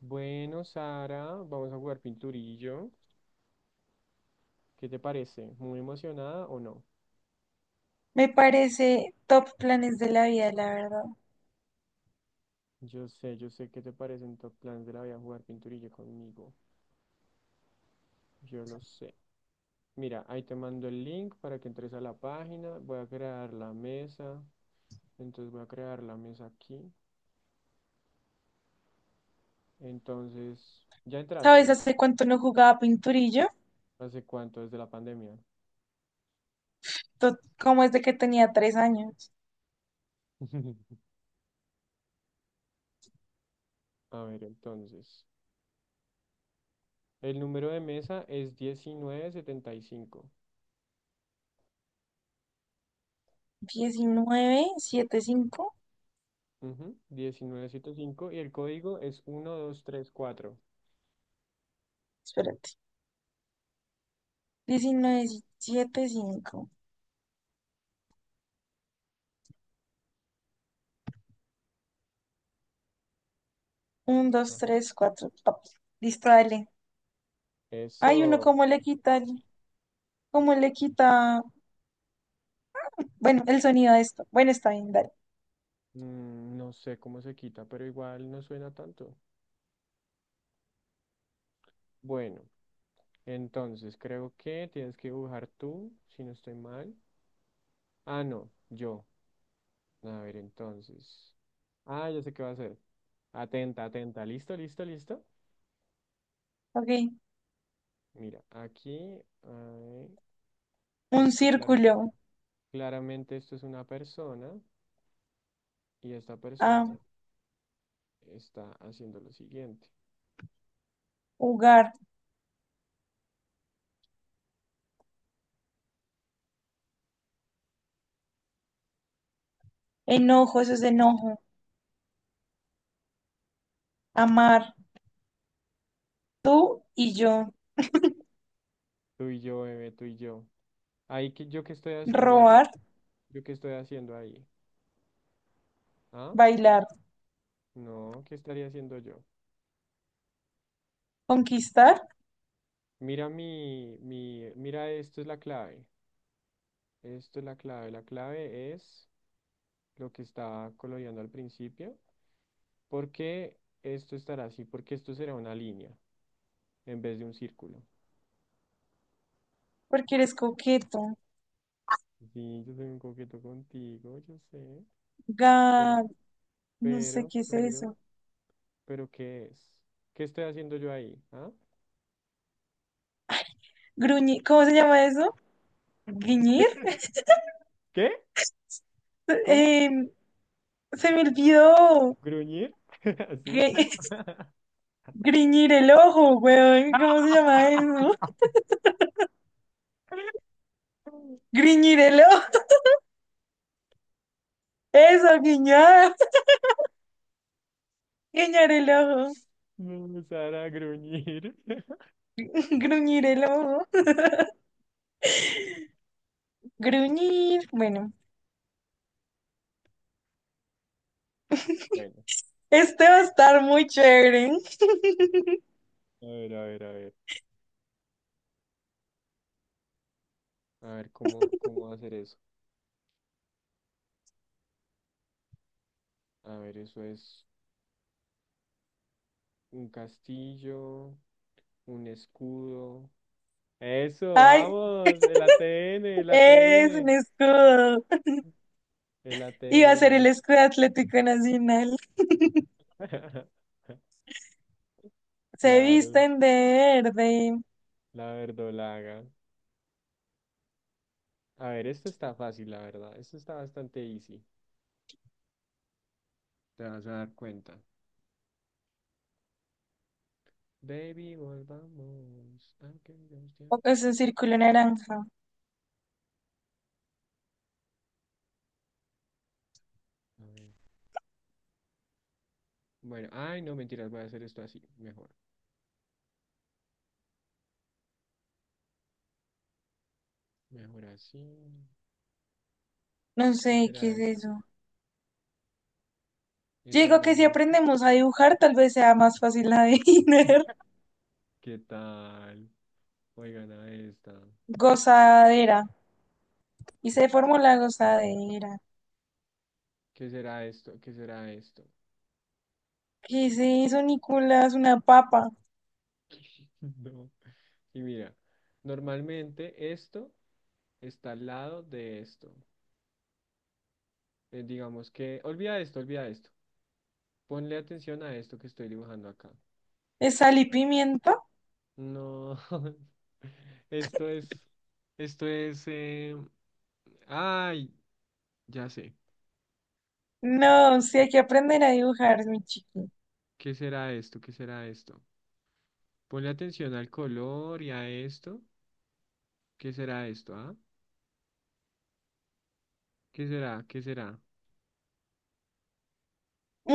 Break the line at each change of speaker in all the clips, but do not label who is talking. Bueno, Sara, vamos a jugar pinturillo. ¿Qué te parece? ¿Muy emocionada o no?
Me parece top planes de la vida, la verdad.
Yo sé qué te parecen top plans de la vida jugar pinturillo conmigo. Yo lo sé. Mira, ahí te mando el link para que entres a la página. Voy a crear la mesa. Entonces voy a crear la mesa aquí. Entonces, ¿ya
¿Sabes
entraste?
hace cuánto no jugaba pinturillo?
¿Hace cuánto? Desde la pandemia.
¿Cómo es de que tenía 3 años?
A ver, entonces. El número de mesa es 1975.
19 7 5.
Ujú, 1905 y el código es 1234.
Espérate. 19 7 5, uno dos
Ajá.
tres cuatro Listo, dale. Hay uno,
Eso,
¿cómo le quita? ¿Cómo le quita? Bueno, el sonido de esto. Bueno, está bien, dale.
no sé cómo se quita, pero igual no suena tanto. Bueno, entonces creo que tienes que dibujar tú, si no estoy mal. Ah, no, yo. A ver, entonces. Ah, ya sé qué va a hacer. Atenta, atenta. ¿Listo, listo, listo?
Ok.
Mira, aquí, ay,
Un
esto clara,
círculo.
claramente esto es una persona y esta persona
A,
está haciendo lo siguiente.
jugar, enojo, eso es de enojo, amar, tú y yo,
Tú y yo, bebé, tú y yo. Ahí, que ¿yo qué estoy haciendo ahí?
robar,
¿Yo qué estoy haciendo ahí? ¿Ah?
bailar,
No, ¿qué estaría haciendo yo?
conquistar,
Mira mira, esto es la clave. Esto es la clave. La clave es lo que estaba coloreando al principio. ¿Por qué esto estará así? Porque esto será una línea en vez de un círculo.
porque eres coqueto,
Sí, yo soy un coqueto contigo, yo sé.
ga,
Pero,
no sé
pero,
qué es
pero,
eso,
pero, ¿qué es? ¿Qué estoy haciendo yo ahí? ¿Ah?
gruñir, ¿cómo se llama eso? ¿Griñir?
¿Qué? ¿Cómo?
Eh, se me olvidó,
¿Gruñir? Sí,
gri-
claro.
griñir el ojo, weón, ¿cómo se llama eso? Griñir el ojo, eso, guiñar, guiñar el ojo,
No, Sara, gruñir.
gruñir el ojo, gruñir, bueno.
Bueno,
Este va a estar muy chévere.
a ver, a ver, a ver. A ver, ¿cómo hacer eso? A ver, eso es un castillo, un escudo. Eso,
Ay,
vamos, el ATN, el
es un
ATN,
escudo.
el
Iba a ser el
ATN.
escudo Atlético Nacional. Se
Claro,
visten de verde.
la verdolaga. A ver, esto está fácil, la verdad. Esto está bastante easy. Te vas a dar cuenta. Baby, volvamos. Aunque llevamos
O
tiempo.
es un círculo naranja.
A ver. Bueno, ay, no, mentiras, voy a hacer esto así. Mejor. Mejor así.
No
¿Qué
sé qué
será
es
esto?
eso. Yo
Es
digo
algo
que si
muy.
aprendemos a dibujar, tal vez sea más fácil adivinar.
¿Qué tal? Oigan a esta.
Gozadera. Y se formó la gozadera.
¿Qué será esto? ¿Qué será esto?
¿Qué es eso, Nicolás? Una papa.
No. Y mira, normalmente esto está al lado de esto. Digamos que. Olvida esto, olvida esto. Ponle atención a esto que estoy dibujando acá.
¿Es sal y pimienta?
No, esto es, esto es, ay, ya sé,
No, sí hay que aprender a dibujar, mi chico.
¿qué será esto? ¿Qué será esto? Ponle atención al color y a esto. ¿Qué será esto, ah? ¿Qué será? ¿Qué será?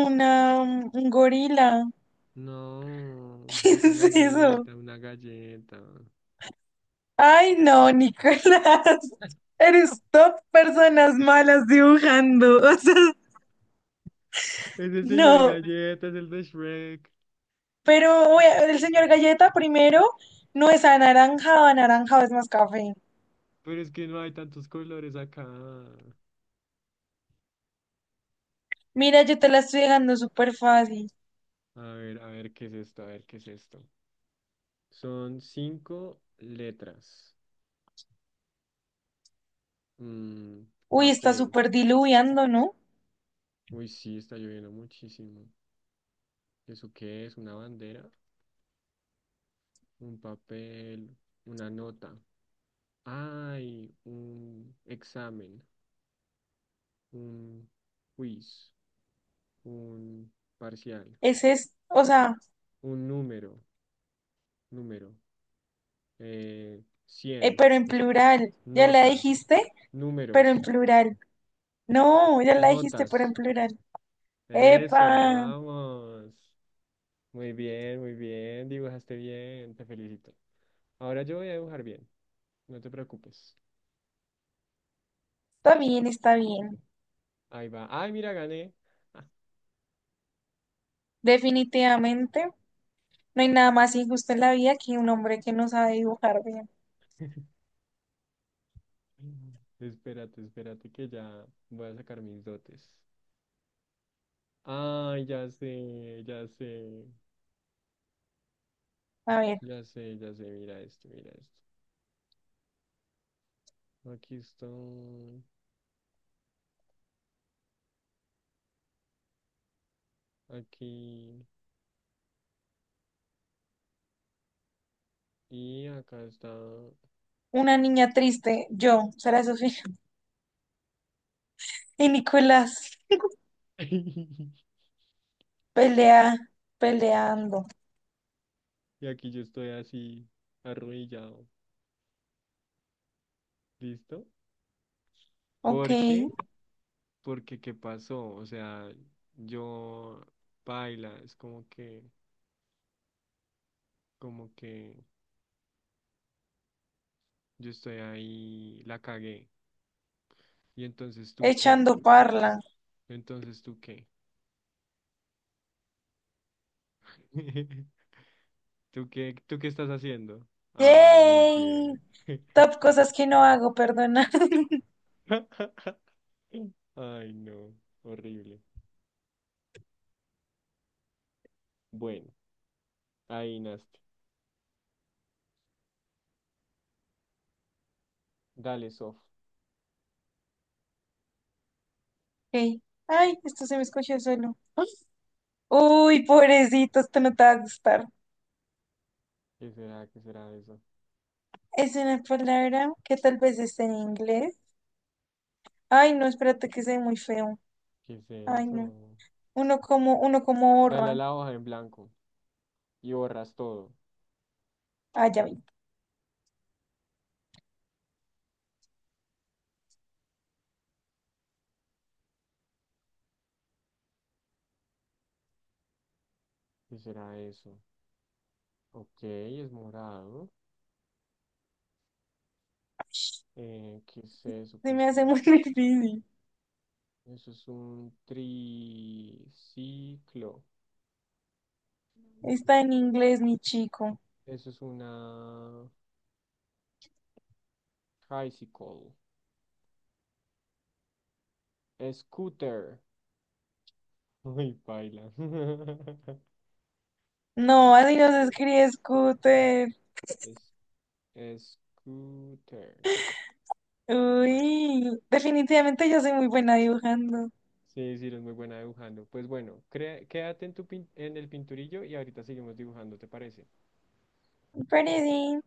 Un gorila.
No,
¿Qué
una
es eso?
galleta, una galleta.
Ay, no, Nicolás, eres top personas malas dibujando. O sea,
Ese señor
no,
galleta es el de Shrek,
pero oye, el señor Galleta primero no es anaranjado, anaranjado es más café.
pero es que no hay tantos colores acá.
Mira, yo te la estoy dejando súper fácil.
A ver, ¿qué es esto? A ver, ¿qué es esto? Son cinco letras. Mm,
Uy, está
papel.
súper diluviando, ¿no?
Uy, sí, está lloviendo muchísimo. ¿Eso qué es? ¿Una bandera? ¿Un papel? ¿Una nota? Ay, un examen, un quiz, un parcial,
Ese es, o sea,
un número, número, 100,
pero en plural. Ya la
nota,
dijiste, pero en
números,
plural. No, ya la dijiste, pero en
notas.
plural.
Eso,
Epa,
vamos. Muy bien, dibujaste bien, te felicito. Ahora yo voy a dibujar bien, no te preocupes.
está bien, está bien.
Ahí va. Ay, mira, gané.
Definitivamente. No hay nada más injusto en la vida que un hombre que no sabe dibujar bien.
Espérate, espérate que ya voy a sacar mis dotes. Ay, ya sé, ya sé,
A ver,
ya sé, ya sé. Mira esto, mira esto. Aquí estoy, aquí y acá está.
una niña triste, yo, Sara Sofía, y Nicolás, pelea, peleando,
Y aquí yo estoy así, arrodillado. ¿Listo?
ok,
¿Por qué? Porque ¿qué pasó? O sea, yo baila, es como que yo estoy ahí, la cagué. ¿Y entonces tú qué?
echando parla.
Entonces tú qué? ¿Tú qué? ¿Tú qué estás haciendo? Ay, muy
¡Yay!
bien.
Top cosas que no hago, perdona.
Ay, no, horrible. Bueno, ahí naste. Dale, Sof.
Ok. Ay, esto se me escuchó solo. Uy, pobrecito, esto no te va a gustar.
¿Qué será? ¿Qué será eso?
Es una palabra que tal vez esté en inglés. Ay, no, espérate que se ve muy feo.
¿Qué es
Ay, no.
eso?
Uno como
Dale a
borra.
la hoja en blanco y borras todo.
Ah, ya vi.
¿Qué será eso? Ok, es morado. ¿Qué es eso? ¿Qué
Se me
es
hace muy
eso?
difícil.
Eso es un triciclo.
Está en inglés, mi chico.
Eso es una tricycle. Scooter. Uy, baila.
No, así no se
Scooter.
escribe scooter.
Es, scooter. Bueno.
Uy, definitivamente yo soy muy buena dibujando.
Sí, sí, eres muy buena dibujando. Pues bueno, crea- quédate en tu pin- en el pinturillo y ahorita seguimos dibujando, ¿te parece?
Pretty.